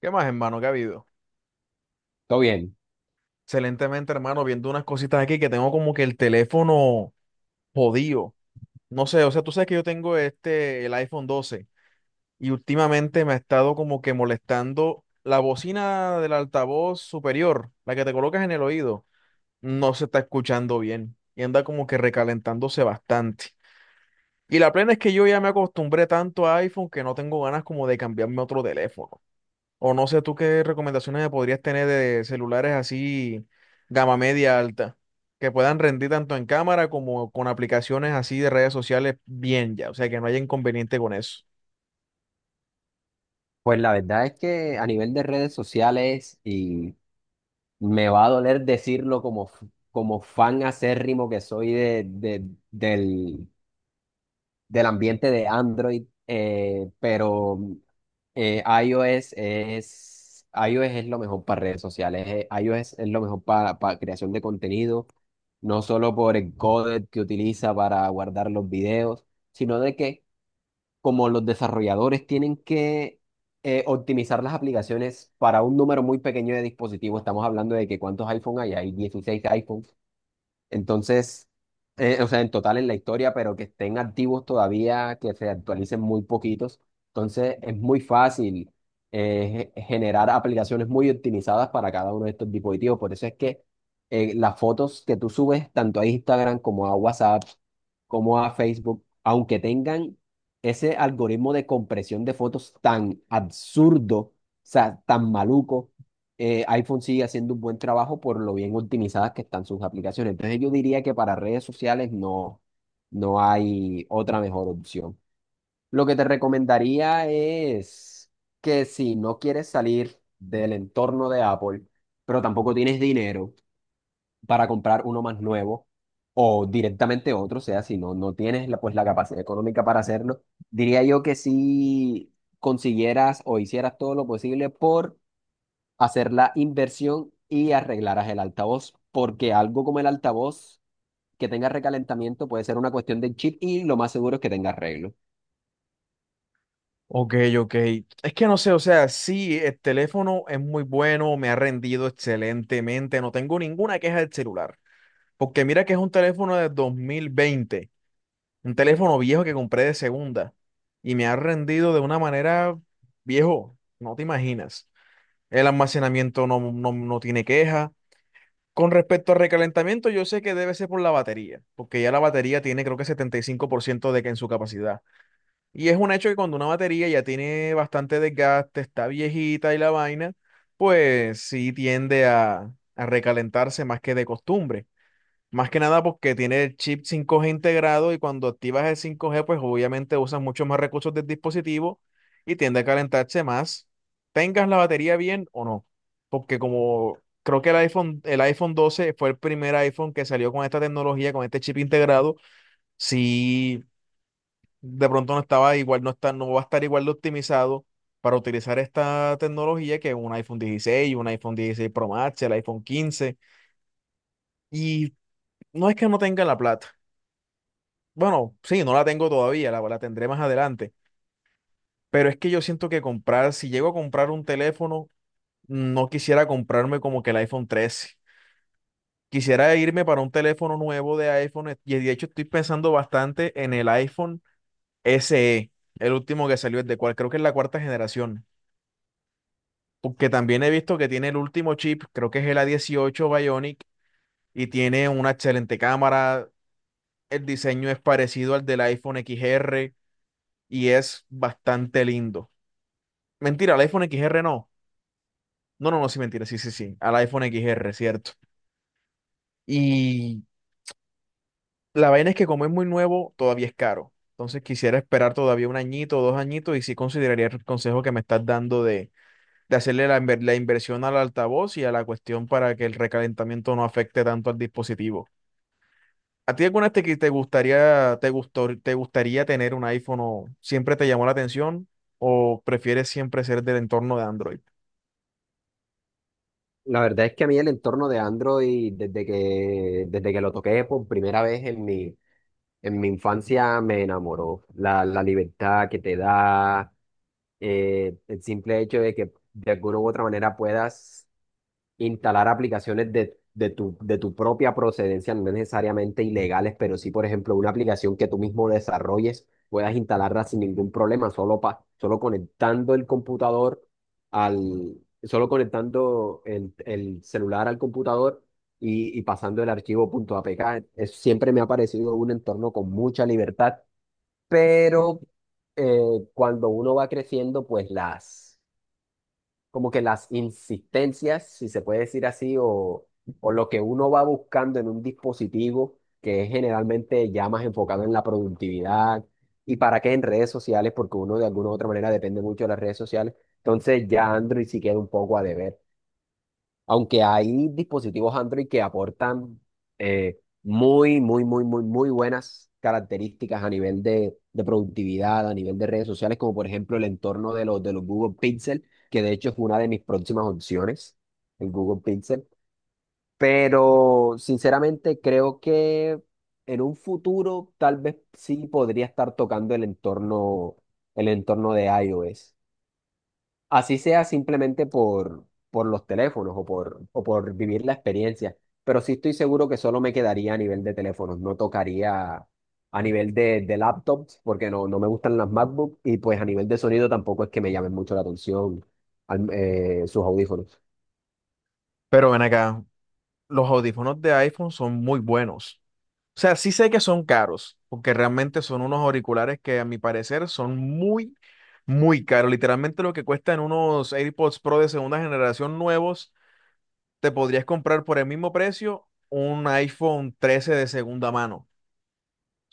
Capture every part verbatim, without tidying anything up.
¿Qué más, hermano? ¿Qué ha habido? Todo bien. Excelentemente, hermano, viendo unas cositas aquí que tengo como que el teléfono jodido. No sé, o sea, tú sabes que yo tengo este, el iPhone doce y últimamente me ha estado como que molestando la bocina del altavoz superior, la que te colocas en el oído, no se está escuchando bien y anda como que recalentándose bastante. Y la plena es que yo ya me acostumbré tanto a iPhone que no tengo ganas como de cambiarme a otro teléfono. O no sé tú qué recomendaciones me podrías tener de celulares así gama media alta, que puedan rendir tanto en cámara como con aplicaciones así de redes sociales bien ya, o sea, que no haya inconveniente con eso. Pues la verdad es que a nivel de redes sociales, y me va a doler decirlo como, f- como fan acérrimo que soy de, de- del, del ambiente de Android, eh, pero eh, iOS es, iOS es lo mejor para redes sociales. eh, iOS es lo mejor para, para, creación de contenido, no solo por el codec que utiliza para guardar los videos, sino de que como los desarrolladores tienen que eh, optimizar las aplicaciones para un número muy pequeño de dispositivos. Estamos hablando de que cuántos iPhone hay, hay dieciséis iPhone, entonces, eh, o sea, en total en la historia, pero que estén activos todavía, que se actualicen muy poquitos. Entonces, es muy fácil eh, ge- generar aplicaciones muy optimizadas para cada uno de estos dispositivos. Por eso es que eh, las fotos que tú subes tanto a Instagram como a WhatsApp, como a Facebook, aunque tengan ese algoritmo de compresión de fotos tan absurdo, o sea, tan maluco, eh, iPhone sigue haciendo un buen trabajo por lo bien optimizadas que están sus aplicaciones. Entonces yo diría que para redes sociales no, no hay otra mejor opción. Lo que te recomendaría es que si no quieres salir del entorno de Apple, pero tampoco tienes dinero para comprar uno más nuevo o directamente otro, o sea, si no, no tienes la, pues, la capacidad económica para hacerlo, diría yo que si consiguieras o hicieras todo lo posible por hacer la inversión y arreglarás el altavoz, porque algo como el altavoz que tenga recalentamiento puede ser una cuestión del chip y lo más seguro es que tenga arreglo. Ok, ok. Es que no sé, o sea, sí, el teléfono es muy bueno, me ha rendido excelentemente, no tengo ninguna queja del celular, porque mira que es un teléfono de dos mil veinte. Un teléfono viejo que compré de segunda y me ha rendido de una manera viejo, no te imaginas. El almacenamiento no, no, no tiene queja. Con respecto al recalentamiento, yo sé que debe ser por la batería, porque ya la batería tiene creo que setenta y cinco por ciento de que en su capacidad. Y es un hecho que cuando una batería ya tiene bastante desgaste, está viejita y la vaina, pues sí tiende a, a recalentarse más que de costumbre. Más que nada porque tiene el chip cinco g integrado y cuando activas el cinco g pues obviamente usas muchos más recursos del dispositivo y tiende a calentarse más, tengas la batería bien o no. Porque como creo que el iPhone, el iPhone doce fue el primer iPhone que salió con esta tecnología, con este chip integrado, si de pronto no estaba igual, no está, no va a estar igual de optimizado para utilizar esta tecnología que un iPhone dieciséis, un iPhone dieciséis Pro Max, el iPhone quince. Y no es que no tenga la plata. Bueno, sí, no la tengo todavía, la, la tendré más adelante. Pero es que yo siento que comprar, si llego a comprar un teléfono, no quisiera comprarme como que el iPhone trece. Quisiera irme para un teléfono nuevo de iPhone eh, y de hecho estoy pensando bastante en el iPhone S E, el último que salió, el de cual creo que es la cuarta generación. Porque también he visto que tiene el último chip, creo que es el A dieciocho Bionic y tiene una excelente cámara. El diseño es parecido al del iPhone X R y es bastante lindo. Mentira, al iPhone X R no. No, no, no, sí, mentira, sí, sí, sí. Al iPhone X R, cierto. Y la vaina es que como es muy nuevo, todavía es caro. Entonces quisiera esperar todavía un añito o dos añitos y sí consideraría el consejo que me estás dando de, de hacerle la, inver- la inversión al altavoz y a la cuestión para que el recalentamiento no afecte tanto al dispositivo. ¿A ti alguna vez te, que te gustaría, te gustó, te gustaría tener un iPhone o siempre te llamó la atención o prefieres siempre ser del entorno de Android? La verdad es que a mí el entorno de Android, desde que, desde que lo toqué por primera vez en mi, en mi infancia, me enamoró. La, la libertad que te da, eh, el simple hecho de que de alguna u otra manera puedas instalar aplicaciones de, de tu, de tu propia procedencia, no necesariamente ilegales, pero sí, por ejemplo, una aplicación que tú mismo desarrolles, puedas instalarla sin ningún problema, solo, pa- solo conectando el computador al, solo conectando el, el celular al computador y, y pasando el archivo punto .apk. Es- siempre me ha parecido un entorno con mucha libertad, pero eh, cuando uno va creciendo, pues las como que las insistencias, si se puede decir así, o, o lo que uno va buscando en un dispositivo que es generalmente ya más enfocado en la productividad y para qué en redes sociales, porque uno de alguna u otra manera depende mucho de las redes sociales. Entonces ya Android sí queda un poco a deber. Aunque hay dispositivos Android que aportan eh, muy, muy, muy, muy, muy buenas características a nivel de, de productividad, a nivel de redes sociales, como por ejemplo el entorno de los, de los Google Pixel, que de hecho es una de mis próximas opciones, el Google Pixel. Pero sinceramente creo que en un futuro tal vez sí podría estar tocando el entorno, el entorno de iOS. Así sea simplemente por, por, los teléfonos o por, o por vivir la experiencia, pero sí estoy seguro que solo me quedaría a nivel de teléfonos, no tocaría a nivel de, de laptops porque no, no me gustan las MacBook y pues a nivel de sonido tampoco es que me llamen mucho la atención al- eh, sus audífonos. Pero ven acá, los audífonos de iPhone son muy buenos. O sea, sí sé que son caros, porque realmente son unos auriculares que a mi parecer son muy, muy caros. Literalmente lo que cuestan unos AirPods Pro de segunda generación nuevos, te podrías comprar por el mismo precio un iPhone trece de segunda mano.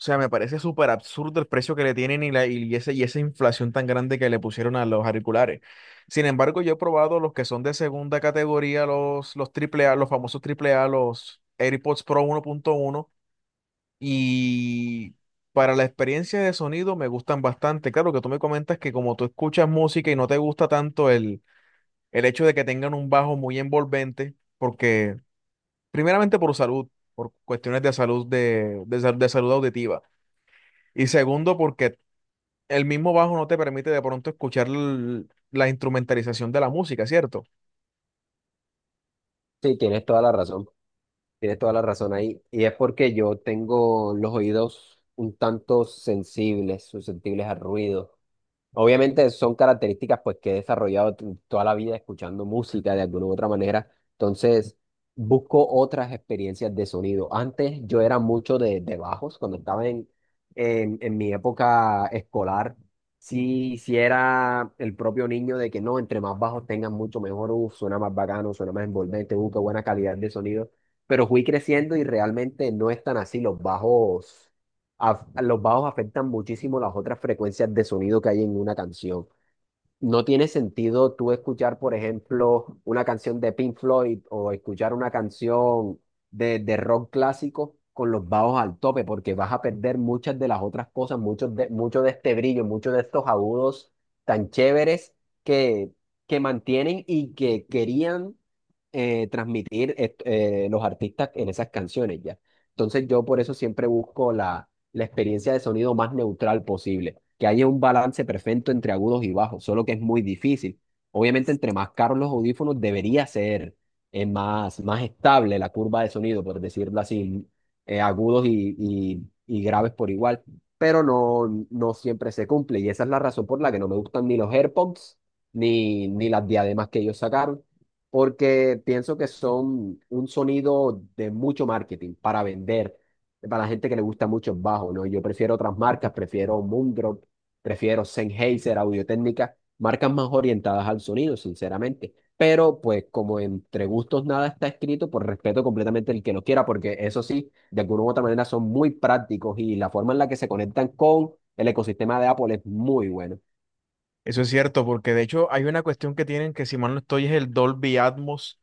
O sea, me parece súper absurdo el precio que le tienen y, la, y, ese, y esa inflación tan grande que le pusieron a los auriculares. Sin embargo, yo he probado los que son de segunda categoría, los, los triple A, los famosos triple A, los AirPods Pro uno punto uno y para la experiencia de sonido me gustan bastante. Claro que tú me comentas que como tú escuchas música y no te gusta tanto el, el hecho de que tengan un bajo muy envolvente, porque primeramente por salud, por cuestiones de salud, de, de, sal- de salud auditiva. Y segundo, porque el mismo bajo no te permite de pronto escuchar l- la instrumentalización de la música, ¿cierto? Sí, tienes toda la razón, tienes toda la razón ahí y es porque yo tengo los oídos un tanto sensibles, susceptibles al ruido. Obviamente son características pues que he desarrollado tu- toda la vida escuchando música de alguna u otra manera. Entonces, busco otras experiencias de sonido. Antes yo era mucho de, de bajos, cuando estaba en, en, en mi época escolar, sí, sí era el propio niño de que no, entre más bajos tengan mucho mejor, uh, suena más bacano, suena más envolvente, uh, qué buena calidad de sonido. Pero fui creciendo y realmente no es tan así. Los bajos af- los bajos afectan muchísimo las otras frecuencias de sonido que hay en una canción. No tiene sentido tú escuchar, por ejemplo, una canción de Pink Floyd o escuchar una canción de, de rock clásico con los bajos al tope, porque vas a perder muchas de las otras cosas, muchos de, mucho de este brillo, muchos de estos agudos tan chéveres que, que mantienen y que querían eh, transmitir est- eh, los artistas en esas canciones ya. Entonces yo por eso siempre busco la, la experiencia de sonido más neutral posible que haya un balance perfecto entre agudos y bajos, solo que es muy difícil. Obviamente, entre más caros los audífonos, debería ser eh, más, más, estable la curva de sonido, por decirlo así, eh, agudos y, y, y graves por igual, pero no, no siempre se cumple y esa es la razón por la que no me gustan ni los AirPods ni, ni las diademas que ellos sacaron porque pienso que son un sonido de mucho marketing para vender, para la gente que le gusta mucho el bajo, ¿no? Yo prefiero otras marcas, prefiero Moondrop, prefiero Sennheiser, Audio-Técnica, marcas más orientadas al sonido, sinceramente. Pero pues como entre gustos nada está escrito, pues respeto completamente el que lo quiera, porque eso sí, de alguna u otra manera son muy prácticos y la forma en la que se conectan con el ecosistema de Apple es muy bueno. Eso es cierto, porque de hecho hay una cuestión que tienen que, si mal no estoy, es el Dolby Atmos.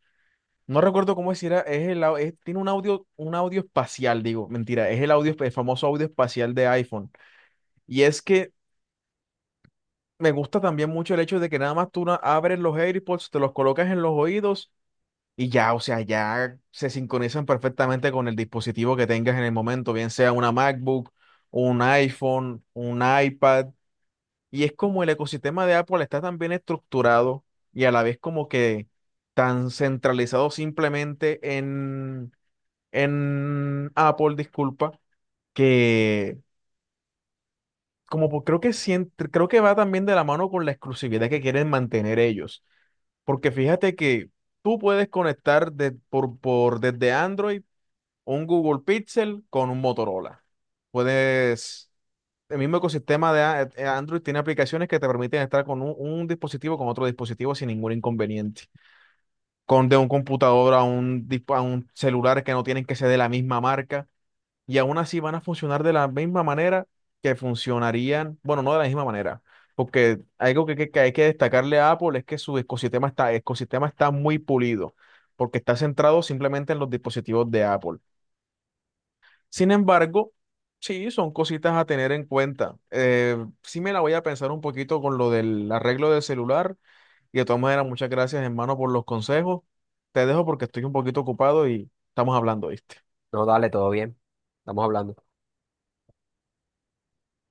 No recuerdo cómo es, si era, es el, au- es- tiene un audio, un audio, espacial, digo, mentira, es el audio, el famoso audio espacial de iPhone. Y es que me gusta también mucho el hecho de que nada más tú na- abres los AirPods, te los colocas en los oídos. Y ya, o sea, ya se sincronizan perfectamente con el dispositivo que tengas en el momento, bien sea una MacBook, un iPhone, un iPad. Y es como el ecosistema de Apple está tan bien estructurado y a la vez como que tan centralizado simplemente en, en Apple, disculpa, que como po- creo que sien- creo que va también de la mano con la exclusividad que quieren mantener ellos. Porque fíjate que tú puedes conectar de- por, por, desde Android. Un Google Pixel con un Motorola. Puedes, el mismo ecosistema de a- eh, Android tiene aplicaciones que te permiten estar con un, un dispositivo con otro dispositivo sin ningún inconveniente. Con de un computador a un, dis a un celular que no tienen que ser de la misma marca y aún así van a funcionar de la misma manera que funcionarían, bueno, no de la misma manera. Porque algo que, que- que hay que destacarle a Apple es que su ecosistema está, ecosistema está muy pulido, porque está centrado simplemente en los dispositivos de Apple. Sin embargo, sí, son cositas a tener en cuenta. Eh, sí me la voy a pensar un poquito con lo del arreglo del celular. Y de todas maneras, muchas gracias, hermano, por los consejos. Te dejo porque estoy un poquito ocupado y estamos hablando, ¿viste? No, dale, todo bien. Estamos hablando.